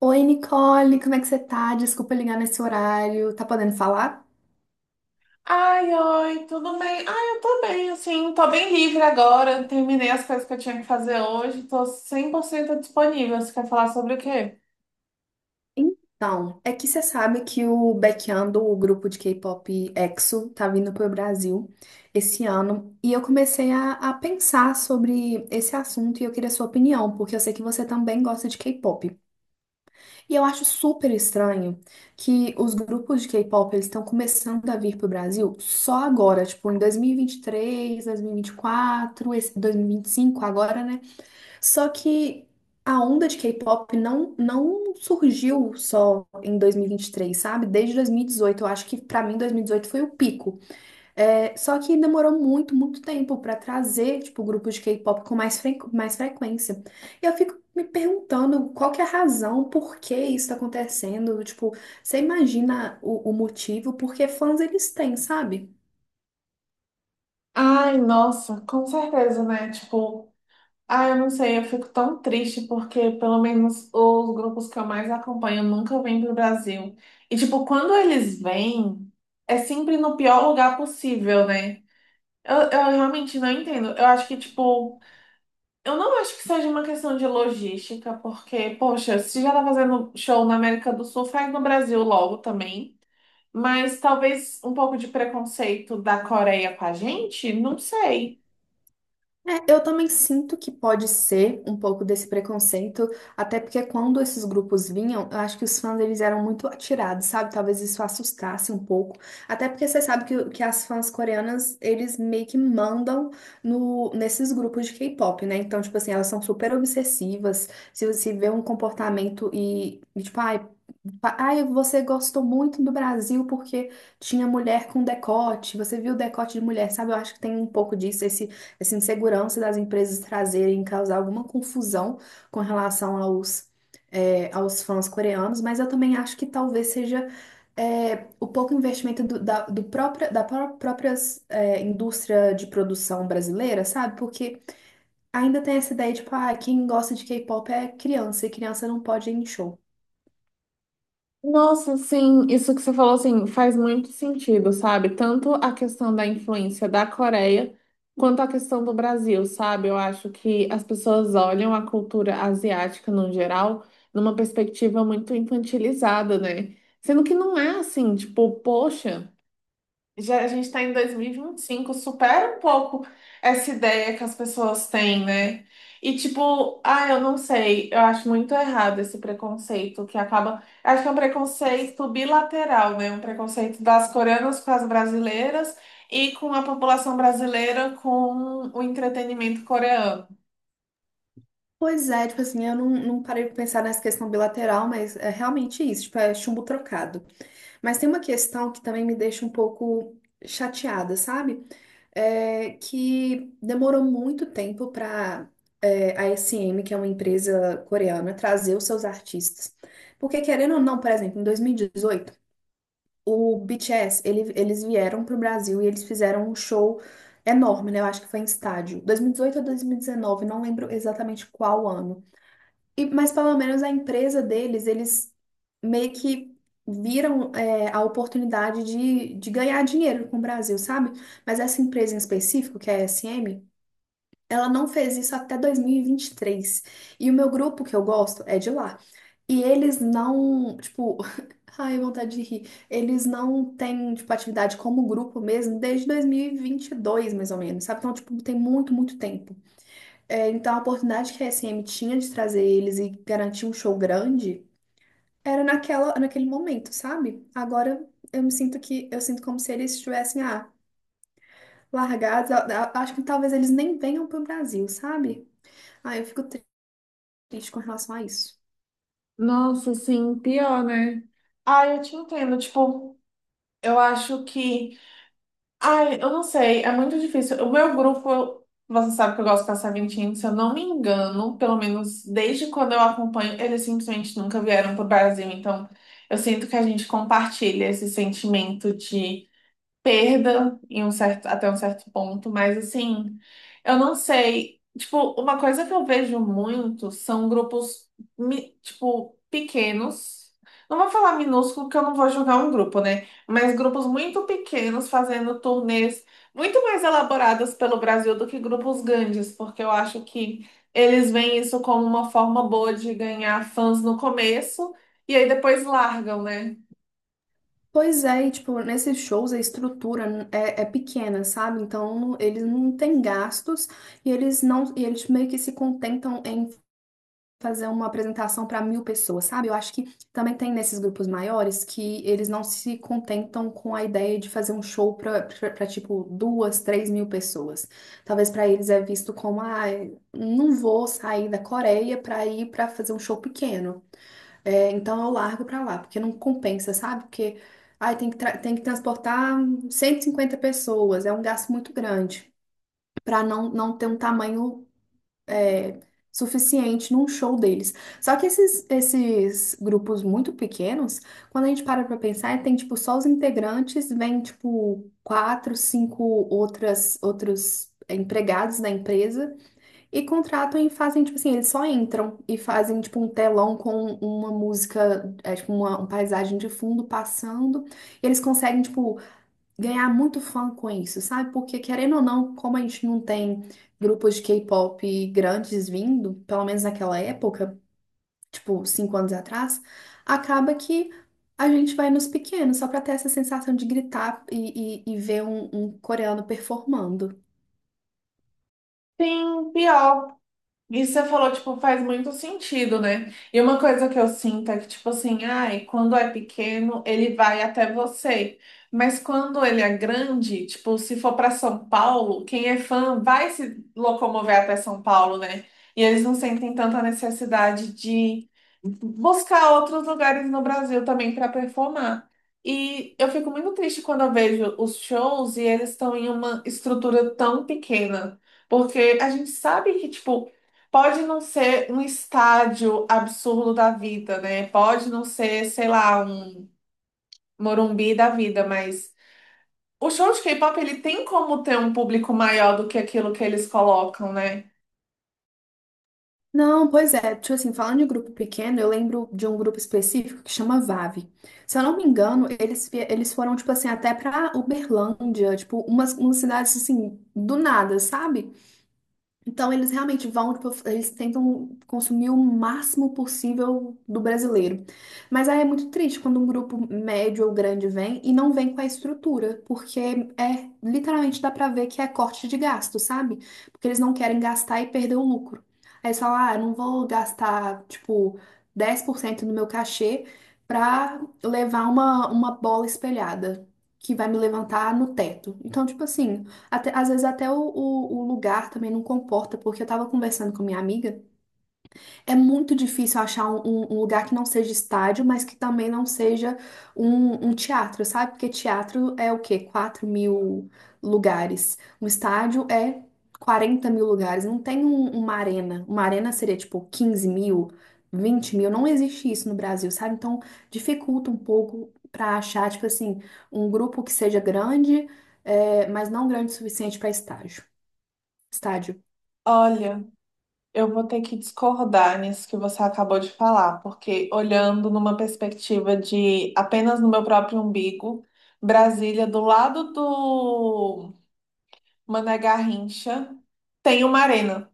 Oi, Nicole, como é que você tá? Desculpa ligar nesse horário. Tá podendo falar? Ai, oi, tudo bem? Ai, eu tô bem, assim, tô bem livre agora. Terminei as coisas que eu tinha que fazer hoje, tô 100% disponível. Você quer falar sobre o quê? Então, é que você sabe que o Baekhyun, o grupo de K-pop EXO, tá vindo pro Brasil esse ano. E eu comecei a pensar sobre esse assunto e eu queria sua opinião, porque eu sei que você também gosta de K-pop. E eu acho super estranho que os grupos de K-pop eles estão começando a vir pro Brasil só agora, tipo em dois mil e vinte e três, dois mil e vinte três, e 2024, esse 2025 agora, né? Só que a onda de K-pop não surgiu só em dois mil e vinte e três, sabe? Desde dois mil e dezoito, eu acho que pra mim 2018 foi o pico. É, só que demorou muito, muito tempo pra trazer, tipo, grupos de K-pop com mais frequência. E eu fico me perguntando qual que é a razão, por que isso tá acontecendo? Tipo, você imagina o motivo? Porque fãs eles têm, sabe? Ai, nossa, com certeza, né? Tipo, ai, eu não sei, eu fico tão triste porque pelo menos os grupos que eu mais acompanho nunca vêm pro Brasil. E, tipo, quando eles vêm, é sempre no pior lugar possível, né? Eu realmente não entendo. Eu acho que, tipo. Eu não acho que seja uma questão de logística, porque, poxa, se já tá fazendo show na América do Sul, faz no Brasil logo também. Mas talvez um pouco de preconceito da Coreia com a gente, não sei. É, eu também sinto que pode ser um pouco desse preconceito, até porque quando esses grupos vinham, eu acho que os fãs eles eram muito atirados, sabe? Talvez isso assustasse um pouco. Até porque você sabe que as fãs coreanas, eles meio que mandam no, nesses grupos de K-pop, né? Então, tipo assim, elas são super obsessivas. Se você vê um comportamento e tipo, ai, ai, você gostou muito do Brasil porque tinha mulher com decote, você viu o decote de mulher, sabe? Eu acho que tem um pouco disso, esse essa insegurança das empresas trazerem causar alguma confusão com relação aos fãs coreanos, mas eu também acho que talvez seja o pouco investimento do, da, do própria, da pró- própria indústria de produção brasileira, sabe? Porque ainda tem essa ideia, tipo, ah, quem gosta de K-pop é criança, e criança não pode ir em show. Nossa, sim, isso que você falou assim faz muito sentido, sabe? Tanto a questão da influência da Coreia quanto a questão do Brasil, sabe? Eu acho que as pessoas olham a cultura asiática no geral numa perspectiva muito infantilizada, né? Sendo que não é assim, tipo, poxa. Já a gente está em dois mil e vinte e cinco supera um pouco essa ideia que as pessoas têm, né? E tipo, ah, eu não sei, eu acho muito errado esse preconceito que acaba. Acho que é um preconceito bilateral, né? Um preconceito das coreanas com as brasileiras e com a população brasileira com o entretenimento coreano. Pois é, tipo assim, eu não parei pra pensar nessa questão bilateral, mas é realmente isso, tipo, é chumbo trocado. Mas tem uma questão que também me deixa um pouco chateada, sabe? É que demorou muito tempo para a SM, que é uma empresa coreana, trazer os seus artistas. Porque, querendo ou não, por exemplo, em 2018, o BTS, eles vieram para o Brasil e eles fizeram um show enorme, né? Eu acho que foi em estádio. 2018 ou 2019, não lembro exatamente qual ano. E mas pelo menos a empresa deles, eles meio que viram a oportunidade de ganhar dinheiro com o Brasil, sabe? Mas essa empresa em específico, que é a SM, ela não fez isso até 2023. E vinte e três. E o meu grupo que eu gosto é de lá. E eles não, tipo, ai, vontade de rir. Eles não têm, tipo, atividade como grupo mesmo desde 2022, mais ou menos, sabe? Então, tipo, tem muito, muito tempo. É, então, a oportunidade que a SM tinha de trazer eles e garantir um show grande era naquele momento, sabe? Agora eu me sinto que eu sinto como se eles estivessem largados. Acho que talvez eles nem venham para o Brasil, sabe? Ah, eu fico triste com relação a isso. Nossa, sim, pior, né? Ah, eu te entendo. Tipo, eu acho que. Ai, eu não sei, é muito difícil. O meu grupo, você sabe que eu gosto de passar Sabentinho, se eu não me engano, pelo menos desde quando eu acompanho, eles simplesmente nunca vieram pro Brasil. Então, eu sinto que a gente compartilha esse sentimento de perda em um certo, até um certo ponto, mas assim, eu não sei. Tipo, uma coisa que eu vejo muito são grupos, tipo, pequenos. Não vou falar minúsculo, porque eu não vou julgar um grupo, né? Mas grupos muito pequenos fazendo turnês muito mais elaboradas pelo Brasil do que grupos grandes, porque eu acho que eles veem isso como uma forma boa de ganhar fãs no começo e aí depois largam, né? Pois é, e, tipo, nesses shows a estrutura é pequena, sabe? Então eles não têm gastos e eles meio que se contentam em fazer uma apresentação para mil pessoas, sabe? Eu acho que também tem nesses grupos maiores que eles não se contentam com a ideia de fazer um show para tipo duas, três mil pessoas. Talvez para eles é visto como, ah, não vou sair da Coreia para ir para fazer um show pequeno. É, então eu largo para lá, porque não compensa, sabe? Porque ai, tem que transportar 150 pessoas, é um gasto muito grande. Para não ter um tamanho é, suficiente num show deles. Só que esses grupos muito pequenos, quando a gente para pra pensar, tem tipo só os integrantes, vem tipo quatro, cinco outros empregados da empresa e contratam e fazem tipo assim, eles só entram e fazem tipo um telão com uma música, tipo uma paisagem de fundo passando. E eles conseguem tipo ganhar muito fã com isso, sabe? Porque querendo ou não, como a gente não tem grupos de K-pop grandes vindo, pelo menos naquela época, tipo cinco anos atrás, acaba que a gente vai nos pequenos só pra ter essa sensação de gritar e ver um coreano performando. Sim, pior. Isso você falou, tipo, faz muito sentido, né? E uma coisa que eu sinto é que, tipo assim, ai, quando é pequeno, ele vai até você. Mas quando ele é grande, tipo, se for para São Paulo, quem é fã vai se locomover até São Paulo, né? E eles não sentem tanta necessidade de buscar outros lugares no Brasil também para performar. E eu fico muito triste quando eu vejo os shows e eles estão em uma estrutura tão pequena, porque a gente sabe que, tipo, pode não ser um estádio absurdo da vida, né? Pode não ser, sei lá, um Morumbi da vida, mas o show de K-pop ele tem como ter um público maior do que aquilo que eles colocam, né? Não, pois é, tipo assim, falando de grupo pequeno, eu lembro de um grupo específico que chama VAV. Se eu não me engano, eles foram, tipo assim, até pra Uberlândia, tipo, umas cidades, assim, do nada, sabe? Então, eles realmente vão, tipo, eles tentam consumir o máximo possível do brasileiro. Mas aí é muito triste quando um grupo médio ou grande vem e não vem com a estrutura, porque literalmente dá pra ver que é corte de gasto, sabe? Porque eles não querem gastar e perder o lucro. Aí eles falam, ah, eu não vou gastar, tipo, 10% do meu cachê pra levar uma bola espelhada. Que vai me levantar no teto. Então, tipo assim, às vezes até o lugar também não comporta, porque eu tava conversando com minha amiga. É muito difícil achar um lugar que não seja estádio, mas que também não seja um teatro, sabe? Porque teatro é o quê? Quatro mil lugares. Um estádio é 40 mil lugares. Não tem uma arena. Uma arena seria tipo 15 mil, 20 mil. Não existe isso no Brasil, sabe? Então dificulta um pouco para achar, tipo assim, um grupo que seja grande, mas não grande o suficiente para estágio. Estádio. Olha. Eu vou ter que discordar nisso que você acabou de falar, porque olhando numa perspectiva de apenas no meu próprio umbigo, Brasília, do lado do Mané Garrincha, tem uma arena,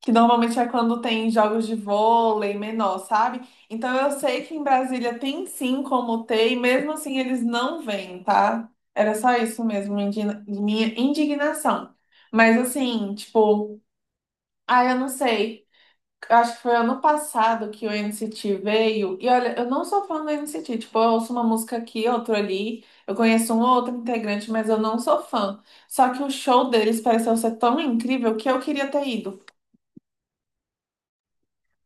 que normalmente é quando tem jogos de vôlei menor, sabe? Então eu sei que em Brasília tem sim como ter, e mesmo assim eles não vêm, tá? Era só isso mesmo, minha indignação. Mas assim, tipo, ah, eu não sei. Acho que foi ano passado que o NCT veio. E olha, eu não sou fã do NCT. Tipo, eu ouço uma música aqui, outra ali. Eu conheço um ou outro integrante, mas eu não sou fã. Só que o show deles pareceu ser tão incrível que eu queria ter ido.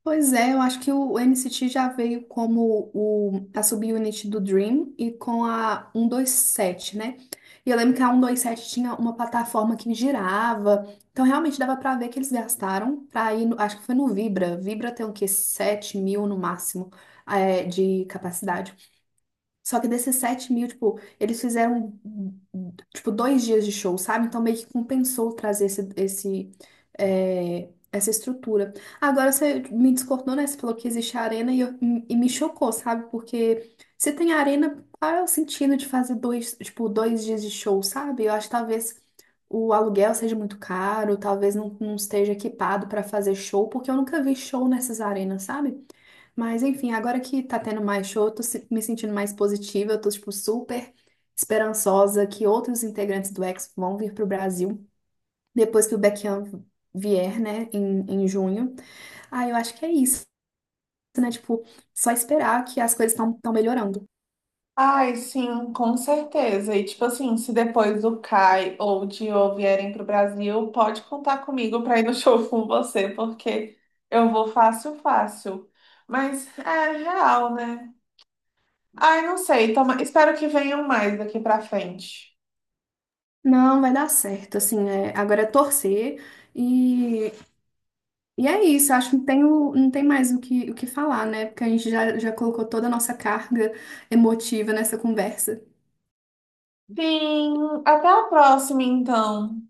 Pois é, eu acho que o N C T já veio como a subunit do Dream e com a 127, né? E eu lembro que a 127 tinha uma plataforma que girava, então realmente dava pra ver que eles gastaram pra ir, acho que foi no Vibra. Vibra tem o quê? Sete mil no máximo, de capacidade. Só que desses 7 mil, tipo, eles fizeram, tipo, dois dias de show, sabe? Então meio que compensou trazer esse, essa estrutura. Agora você me discordou, né? Você falou que existe a arena e me chocou, sabe? Porque se tem arena, qual é o sentido de fazer dois, tipo, dois dias de show, sabe? Eu acho que talvez o aluguel seja muito caro, talvez não esteja equipado para fazer show, porque eu nunca vi show nessas arenas, sabe? Mas enfim, agora que tá tendo mais show, eu tô me sentindo mais positiva, eu tô tipo super esperançosa que outros integrantes do X vão vir pro Brasil depois que o Baekhyun vier, né, em junho. Ah, eu acho que é isso, né? Tipo, só esperar que as coisas estão melhorando. Ai, sim, com certeza. E tipo assim, se depois do Kai ou de O vierem pro Brasil, pode contar comigo para ir no show com você, porque eu vou fácil, fácil. Mas é real, né? Ai, não sei. Toma. Espero que venham mais daqui pra frente. Não, vai dar certo, assim, é, agora é torcer e, e é isso, acho que não tem, não tem mais o que falar, né? Porque a gente já colocou toda a nossa carga emotiva nessa conversa. Sim, até a próxima, então.